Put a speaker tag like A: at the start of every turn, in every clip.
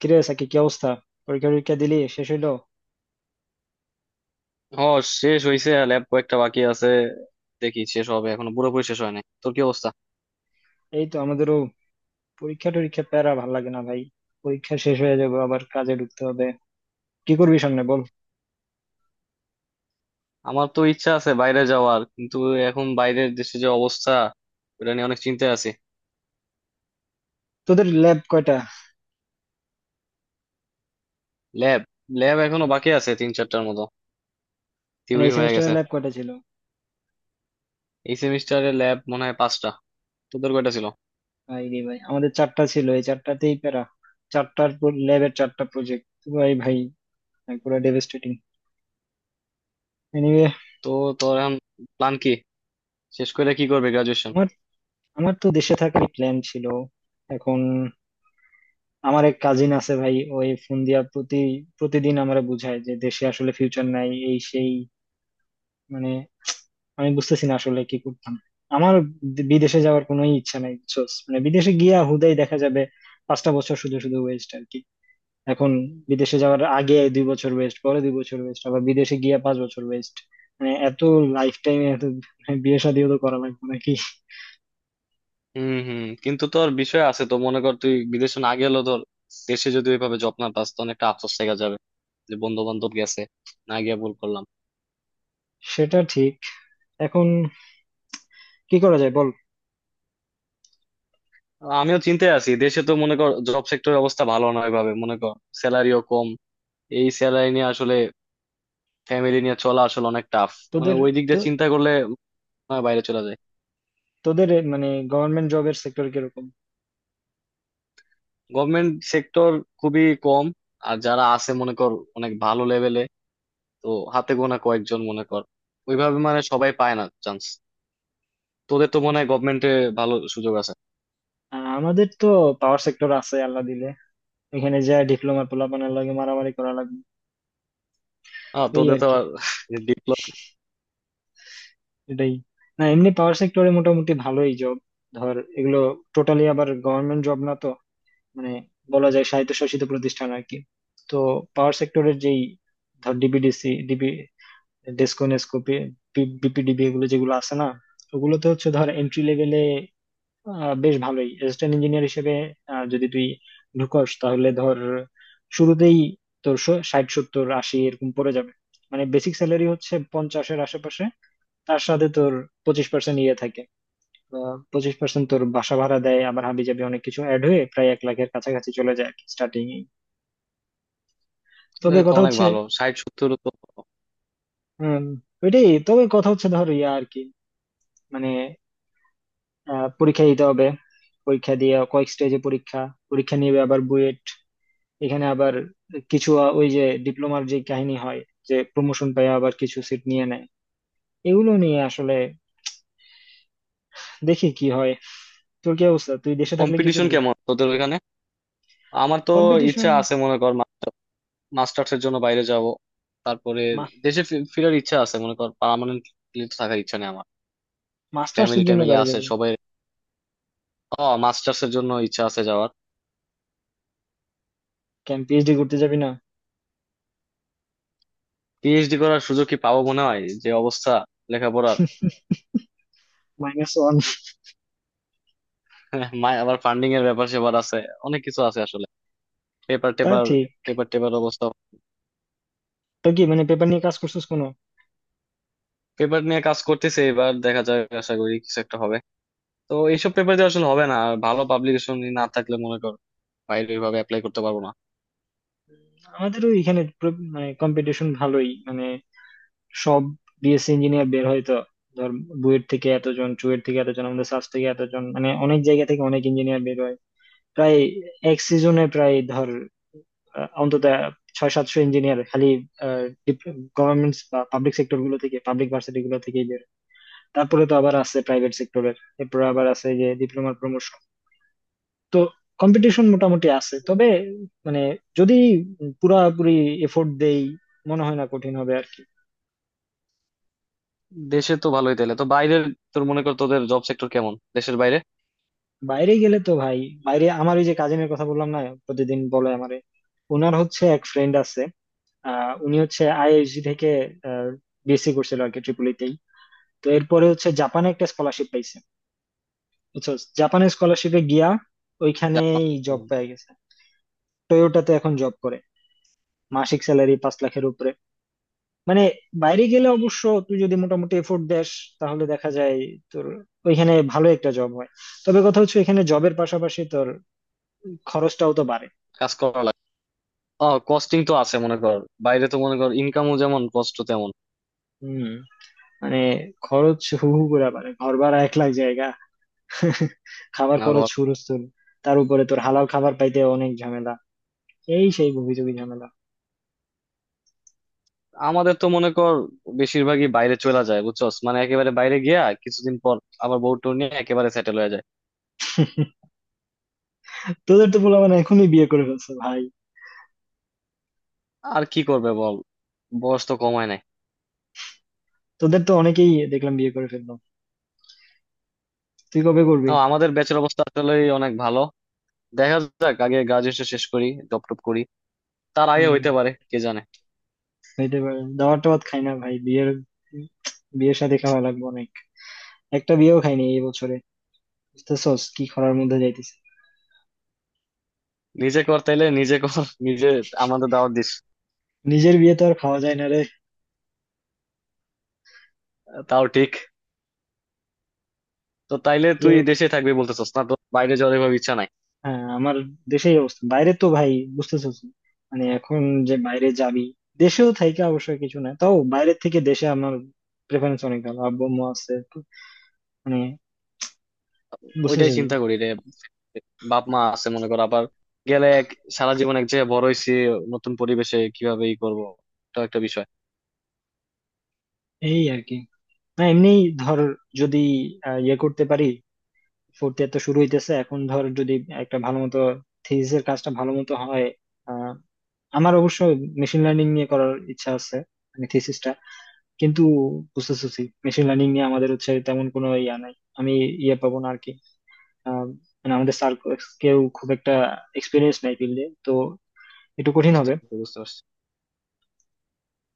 A: কিরে সাকি, কি অবস্থা? পরীক্ষা টরীক্ষা দিলি, শেষ হইলো?
B: ও, শেষ হয়েছে। ল্যাব কয়েকটা বাকি আছে। দেখি শেষ হবে, এখনো পুরোপুরি শেষ হয় নাই। তোর কি অবস্থা?
A: এই তো, আমাদেরও পরীক্ষা টরীক্ষা। প্যারা ভাল লাগে না ভাই। পরীক্ষা শেষ হয়ে যাবে, আবার কাজে ঢুকতে হবে। কি করবি সামনে বল।
B: আমার তো ইচ্ছা আছে বাইরে যাওয়ার, কিন্তু এখন বাইরের দেশে যে অবস্থা, ওটা নিয়ে অনেক চিন্তায় আছি।
A: তোদের ল্যাব কয়টা?
B: ল্যাব ল্যাব এখনো বাকি আছে তিন চারটার মতো।
A: মানে
B: থিওরি
A: এই
B: হয়ে গেছে।
A: সেমিস্টারের ল্যাব কয়টা ছিল?
B: এই সেমিস্টারে ল্যাব মনে হয় পাঁচটা। তোদের কয়টা ছিল?
A: ভাই রে ভাই, আমাদের চারটা ছিল, এই চারটাতেই প্যারা। চারটার ল্যাবের চারটা প্রজেক্ট। ভাই ভাই ভাই, পুরো ডেভাস্টেটিং। এনিওয়ে।
B: তো তোর এখন প্ল্যান কি? শেষ করে কি করবে, গ্রাজুয়েশন?
A: আমার আমার তো দেশে থাকার প্ল্যান ছিল। এখন আমার এক কাজিন আছে ভাই, ওই ফোন দিয়া প্রতিদিন আমারে বুঝায় যে দেশে আসলে ফিউচার নাই, এই সেই। মানে আমি বুঝতেছি না আসলে কি করতাম। আমার বিদেশে যাওয়ার কোনো ইচ্ছা নাই বুঝছোস, মানে বিদেশে গিয়া হুদাই দেখা যাবে 5টা বছর শুধু শুধু ওয়েস্ট আর কি। এখন বিদেশে যাওয়ার আগে 2 বছর ওয়েস্ট, পরে 2 বছর ওয়েস্ট, আবার বিদেশে গিয়া 5 বছর ওয়েস্ট। মানে এত, লাইফ টাইমে এত, মানে বিয়ে শাদিও তো করা লাগবে নাকি।
B: হুম হুম, কিন্তু তোর বিষয় আছে তো। মনে কর তুই বিদেশে না গেলেও তোর দেশে যদি ওইভাবে জব না পাস, তখন একটা আফসোস থেকে যাবে যে বন্ধু বান্ধব গেছে, না গিয়ে ভুল করলাম।
A: সেটা ঠিক। এখন কি করা যায় বল।
B: আমিও চিন্তায় আছি, দেশে তো মনে কর জব সেক্টরের অবস্থা ভালো নয় ভাবে। মনে কর স্যালারিও কম। এই স্যালারি নিয়ে আসলে ফ্যামিলি নিয়ে চলা আসলে অনেক টাফ। মানে
A: তোদের
B: ওই দিক
A: তো
B: দিয়ে চিন্তা করলে মনে হয় বাইরে চলে যায়।
A: তোদের এ মানে গভর্নমেন্ট জবের সেক্টর কিরকম?
B: গভর্নমেন্ট সেক্টর খুবই কম। আর যারা আছে মনে কর অনেক ভালো লেভেলে। তো হাতে গোনা কয়েকজন মনে কর, ওইভাবে মানে সবাই পায় না চান্স। তোদের তো মনে হয় গভর্নমেন্টে ভালো সুযোগ আছে।
A: আর আমাদের তো পাওয়ার সেক্টর আছে আল্লাহ দিলে। এখানে যা ডিপ্লোমা পোলাপানের লাগে, মারামারি করা লাগবে।
B: হ্যাঁ,
A: এই
B: তোদের
A: আর
B: তো
A: কি।
B: ডিপ্লোমা।
A: এটাই। না, এমনি পাওয়ার সেক্টরে মোটামুটি ভালোই জব। ধর এগুলো টোটালি আবার গভর্নমেন্ট জব না তো। মানে বলা যায় স্বায়ত্তশাসিত প্রতিষ্ঠান আর কি। তো পাওয়ার সেক্টরের যেই, ধর DPDC, DP, DESCO, NESCO, BPDB, এগুলো যেগুলো আছে না, ওগুলোতে হচ্ছে ধর এন্ট্রি লেভেলে বেশ ভালোই, অ্যাসিস্ট্যান্ট ইঞ্জিনিয়ার হিসেবে। যদি তুই ঢুকস তাহলে ধর শুরুতেই তোর 60 70 80 এরকম পড়ে যাবে। মানে বেসিক স্যালারি হচ্ছে পঞ্চাশের আশেপাশে, তার সাথে তোর 25% ইয়ে থাকে। 25% তোর বাসা ভাড়া দেয়, আবার হাবি জাবি অনেক কিছু অ্যাড হয়ে প্রায় 1 লাখের কাছাকাছি চলে যায় স্টার্টিং। তবে
B: তো
A: কথা
B: অনেক
A: হচ্ছে
B: ভালো, 60 70 তো।
A: উম, ওইটাই। তবে কথা হচ্ছে ধর ইয়া আর কি। মানে পরীক্ষা দিতে হবে। পরীক্ষা দিয়ে, কয়েক স্টেজে পরীক্ষা পরীক্ষা নিবে, আবার বুয়েট এখানে আবার কিছু ওই যে ডিপ্লোমার যে কাহিনী হয়, যে প্রমোশন পায়, আবার কিছু সিট নিয়ে নেয়। এগুলো নিয়ে আসলে দেখি কি হয়। তোর কি অবস্থা, তুই দেশে থাকলে কি
B: কম্পিটিশন
A: করবি?
B: কেমন তোদের ওখানে? আমার তো
A: কম্পিটিশন।
B: ইচ্ছা আছে, মনে কর মাস্টার্স এর জন্য বাইরে যাব। তারপরে দেশে ফিরার ইচ্ছা আছে, মনে কর পার্মানেন্টলি থাকার ইচ্ছা নেই আমার।
A: মাস্টার্স
B: ফ্যামিলি
A: এর জন্য
B: ট্যামিলি
A: গাড়ি
B: আছে
A: যাবি?
B: সবাই। ও, মাস্টার্স এর জন্য ইচ্ছা আছে যাওয়ার।
A: কেন, পিএইচডি করতে যাবি না?
B: পিএইচডি করার সুযোগ কি পাবো মনে হয়, যে অবস্থা লেখাপড়ার।
A: Minus one.
B: মায় আবার ফান্ডিং এর ব্যাপার সেবার আছে, অনেক কিছু আছে আসলে। পেপার
A: তা
B: টেপার।
A: ঠিক।
B: পেপার টেপার অবস্থা।
A: তো কি মানে, পেপার নিয়ে কাজ করছিস কোনো?
B: পেপার নিয়ে কাজ করতেছে, এবার দেখা যায়, আশা করি কিছু একটা হবে। তো এইসব পেপার দিয়ে আসলে হবে না, আর ভালো পাবলিকেশন না থাকলে মনে কর বাইরে ওইভাবে অ্যাপ্লাই করতে পারবো না।
A: আমাদেরও এখানে মানে কম্পিটিশন ভালোই, মানে সব বিএসসি ইঞ্জিনিয়ার বের হয় তো। ধর বুয়েট থেকে এতজন, চুয়েট থেকে এতজন, আমাদের সাস থেকে এতজন, মানে অনেক জায়গা থেকে অনেক ইঞ্জিনিয়ার বের হয়। প্রায় এক সিজনে প্রায় ধর অন্তত 6-700 ইঞ্জিনিয়ার খালি গভর্নমেন্ট বা পাবলিক সেক্টর গুলো থেকে, পাবলিক ভার্সিটি গুলো থেকে। তারপরে তো আবার আছে প্রাইভেট সেক্টরের। এরপরে আবার আছে যে ডিপ্লোমার প্রমোশন। তো কম্পিটিশন মোটামুটি আছে, তবে মানে যদি পুরাপুরি এফোর্ট দেই, মনে হয় না কঠিন হবে আর কি।
B: দেশে তো ভালোই তাহলে, তো বাইরের তোর মনে কর, তোদের জব সেক্টর কেমন দেশের বাইরে?
A: বাইরে গেলে তো ভাই, বাইরে আমার ওই যে কাজিনের কথা বললাম না, প্রতিদিন বলে আমারে, ওনার হচ্ছে এক ফ্রেন্ড আছে। উনি হচ্ছে আইএসজি থেকে বিএসসি করছিল আর কি, ট্রিপুলিতেই। তো এরপরে হচ্ছে জাপানে একটা স্কলারশিপ পাইছে, বুঝছো। জাপানের স্কলারশিপে গিয়া
B: যা।
A: ওইখানেই জব
B: হুম।
A: পেয়ে গেছে। টয়োটাতে এখন জব করে, মাসিক স্যালারি 5 লাখের উপরে। মানে বাইরে গেলে অবশ্য, তুই যদি মোটামুটি এফোর্ট দেস তাহলে দেখা যায় তোর ওইখানে ভালো একটা জব হয়। তবে কথা হচ্ছে এখানে জবের পাশাপাশি তোর খরচটাও তো বাড়ে।
B: কাজ করা লাগে। ও, কস্টিং তো আছে মনে কর, বাইরে তো মনে কর ইনকামও যেমন কষ্ট তেমন।
A: হুম। মানে খরচ হু হু করে বাড়ে, ঘর ভাড়া 1 লাখ জায়গা। খাবার
B: না
A: খরচ
B: কর।
A: হুরস্থুল। তার উপরে তোর হালাল খাবার পাইতে অনেক ঝামেলা, এই সেই গুবিজুবি ঝামেলা।
B: আমাদের তো মনে কর বেশিরভাগই বাইরে চলে যায় বুঝছস, মানে একেবারে বাইরে গিয়া কিছুদিন পর আবার বউ টু নিয়ে একেবারে সেটেল হয়ে যায়।
A: তোদের তো পোলাপান এখনই বিয়ে করে ফেলছে ভাই।
B: আর কি করবে বল, বয়স তো কমায় নাই।
A: তোদের তো অনেকেই দেখলাম বিয়ে করে ফেললো। তুই কবে করবি?
B: ও, আমাদের ব্যাচের অবস্থা আসলে অনেক ভালো। দেখা যাক, আগে গ্রাজুয়েশন শেষ করি, জব টপ করি, তার আগে
A: হম।
B: হইতে পারে কে জানে।
A: খাইতে পারে, দাবার টাবার খাই না ভাই, বিয়ের বিয়ের সাথে খাওয়া লাগবে অনেক। একটা বিয়েও খাইনি এই বছরে। বুঝতেছস কি খরার মধ্যে যাইতেছি।
B: নিজে কর তাইলে, নিজে কর নিজে, আমাদের দাওয়াত দিস।
A: নিজের বিয়ে তো আর খাওয়া যায় না রে।
B: তাও ঠিক। তো তাইলে
A: যে,
B: তুই দেশে থাকবি বলতেছস, না তো বাইরে যাওয়ার এভাবে ইচ্ছা নাই।
A: হ্যাঁ আমার দেশেই অবস্থা, বাইরে তো ভাই, বুঝতেছস, মানে এখন যে বাইরে যাবি, দেশেও থাইকে অবশ্যই কিছু না, তাও বাইরের থেকে দেশে আমার প্রেফারেন্স অনেক ভালো। আব্বু আম্মু আছে তো, মানে
B: ওইটাই
A: বুঝতেছস।
B: চিন্তা করি রে, বাপ মা আছে মনে কর, আবার গেলে এক, সারা জীবন এক জায়গায় বড় হয়েছি, নতুন পরিবেশে কিভাবে ই করবো, এটা একটা বিষয়।
A: এই আর কি। না, এমনি ধর, যদি ইয়ে করতে পারি। ফোর্থ ইয়ার তো শুরু হইতেছে, এখন ধর যদি একটা ভালো মতো থিসিসের কাজটা ভালো মতো হয়। আহ, আমার অবশ্য মেশিন লার্নিং নিয়ে করার ইচ্ছা আছে, মানে থিসিসটা। কিন্তু বুঝতেছি মেশিন লার্নিং নিয়ে আমাদের হচ্ছে তেমন কোনো ইয়া নাই। আমি ইয়ে পাবো না আর কি। আহ, মানে আমাদের স্যার কেউ খুব একটা এক্সপিরিয়েন্স নাই ফিল্ডে তো, একটু কঠিন
B: বুঝতে
A: হবে।
B: পারছি, বুঝতে পারছি।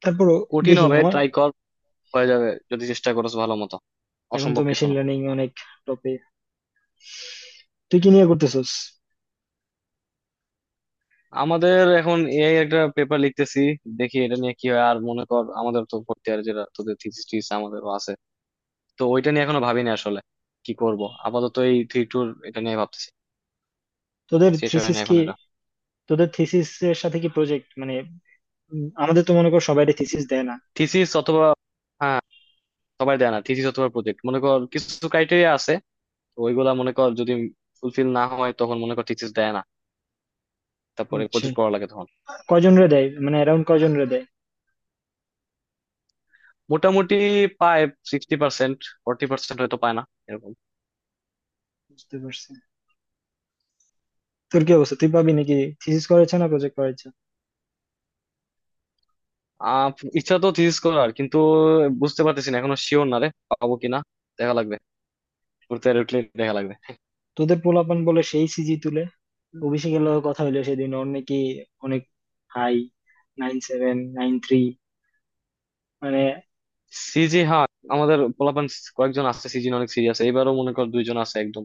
A: তারপরও
B: কঠিন
A: দেখি
B: হবে,
A: আমার।
B: ট্রাই কর, হয়ে যাবে যদি চেষ্টা করস ভালো মতো।
A: এখন তো
B: অসম্ভব কিছু
A: মেশিন
B: না।
A: লার্নিং অনেক টপে। তুই কি নিয়ে করতেছিস?
B: আমাদের এখন এআই একটা পেপার লিখতেছি, দেখি এটা নিয়ে কি হয়। আর মনে কর আমাদের তো ভর্তি, আর যেটা তোদের থিসিস টিসিস আমাদেরও আছে। তো ওইটা নিয়ে এখনো ভাবিনি আসলে কি করব। আপাতত এই থ্রি টুর এটা নিয়ে ভাবতেছি।
A: তোদের
B: শেষ হয়
A: থিসিস
B: না এখন
A: কি?
B: এটা।
A: তোদের থিসিস এর সাথে কি প্রজেক্ট মানে? আমাদের তো মনে করো সবাই থিসিস দেয় না।
B: থিসিস অথবা, হ্যাঁ, সবাই দেয় না। থিসিস অথবা প্রজেক্ট, মনে কর কিছু ক্রাইটেরিয়া আছে। তো ওইগুলা মনে কর যদি ফুলফিল না হয় তখন মনে কর থিসিস দেয় না, তারপরে
A: বুঝছি।
B: প্রজেক্ট করা লাগে তখন।
A: কজন রে দেয় মানে, অ্যারাউন্ড কজন রে দেয়?
B: মোটামুটি পায় 60%, 40% হয়তো পায় না, এরকম।
A: বুঝতে পারছি। তোর কি অবস্থা, তুই পাবি নাকি, থিসিস করেছে না প্রজেক্ট করেছে?
B: আহ ইচ্ছা তো থিসিস করার, কিন্তু বুঝতে পারতেছি না, এখনো শিওর না রে পাবো কিনা। দেখা লাগবে, ঘুরতে উঠলে দেখা লাগবে।
A: তোদের পোলাপান বলে সেই সিজি তুলে। অভিষেকের লগে কথা হইলো সেদিন, ওর নাকি অনেক হাই, 9.793, মানে
B: সিজি, হ্যাঁ। আমাদের পোলাপান কয়েকজন আছে সিজি অনেক সিরিয়াস, এবারও মনে কর দুইজন আছে একদম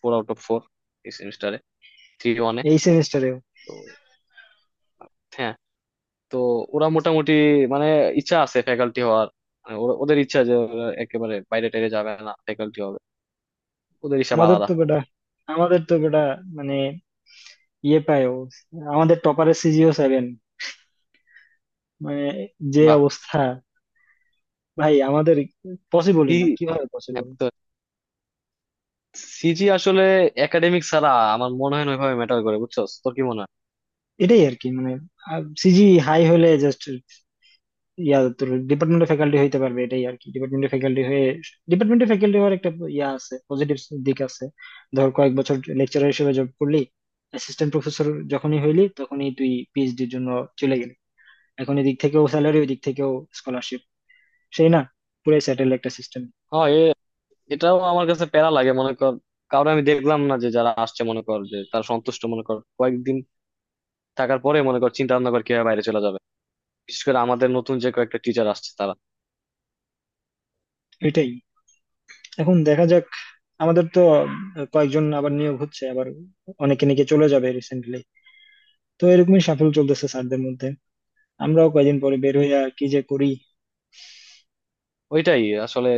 B: ফোর আউট অফ ফোর এই সেমিস্টারে, থ্রি ওয়ানে।
A: এই সেমিস্টারেও।
B: হ্যাঁ, তো ওরা মোটামুটি, মানে ইচ্ছা আছে ফ্যাকাল্টি হওয়ার, মানে ওদের ইচ্ছা যে ওরা একেবারে বাইরে টাইরে যাবে না, ফ্যাকাল্টি হবে। ওদের হিসাব
A: আমাদের
B: আলাদা।
A: তো বেটা আমাদের তো বেটা মানে ইয়ে পায় ও, আমাদের টপারের সিজিও 7, মানে যে
B: বাহ।
A: অবস্থা। ভাই আমাদের পসিবলই
B: কি?
A: না, কিভাবে
B: হ্যাঁ,
A: পসিবল।
B: তো সিজি আসলে একাডেমিক ছাড়া আমার মনে হয় না ওইভাবে ম্যাটার করে, বুঝছো? তোর কি মনে হয়?
A: এটাই আর কি, মানে সিজি হাই হলে জাস্ট ইয়া, তোর ডিপার্টমেন্টের ফ্যাকাল্টি হইতে পারবে, এটাই আর কি। ডিপার্টমেন্টের ফ্যাকাল্টি হয়ে, ডিপার্টমেন্টের ফ্যাকাল্টি হওয়ার একটা ইয়া আছে, পজিটিভ দিক আছে। ধর কয়েক বছর লেকচারার হিসেবে জব করলি, অ্যাসিস্ট্যান্ট প্রফেসর যখনই হইলি তখনই তুই পিএইচডির জন্য চলে গেলি। এখন এদিক থেকেও স্যালারি, ওই দিক থেকেও স্কলারশিপ, সেই না, পুরাই স্যাটেল একটা সিস্টেম।
B: হ্যাঁ, এটাও আমার কাছে প্যারা লাগে মনে কর, কারণ আমি দেখলাম না যে যারা আসছে মনে কর যে তারা সন্তুষ্ট, মনে কর কয়েকদিন থাকার পরে মনে কর চিন্তা ভাবনা কর কিভাবে বাইরে চলে যাবে, বিশেষ করে আমাদের নতুন যে কয়েকটা টিচার আসছে তারা।
A: এটাই। এখন দেখা যাক, আমাদের তো কয়েকজন আবার নিয়োগ হচ্ছে, আবার অনেকে নাকি চলে যাবে রিসেন্টলি। তো এরকমই সাফল্য চলতেছে স্যারদের মধ্যে। আমরাও কয়দিন পরে বের হইয়া কি যে করি।
B: ওইটাই আসলে,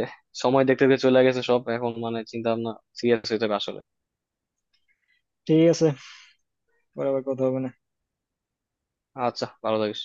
B: সময় দেখতে দেখতে চলে গেছে সব, এখন মানে চিন্তা ভাবনা সিরিয়াস হয়ে যাবে আসলে।
A: ঠিক আছে, পরে আবার কথা হবে না।
B: আচ্ছা, ভালো থাকিস।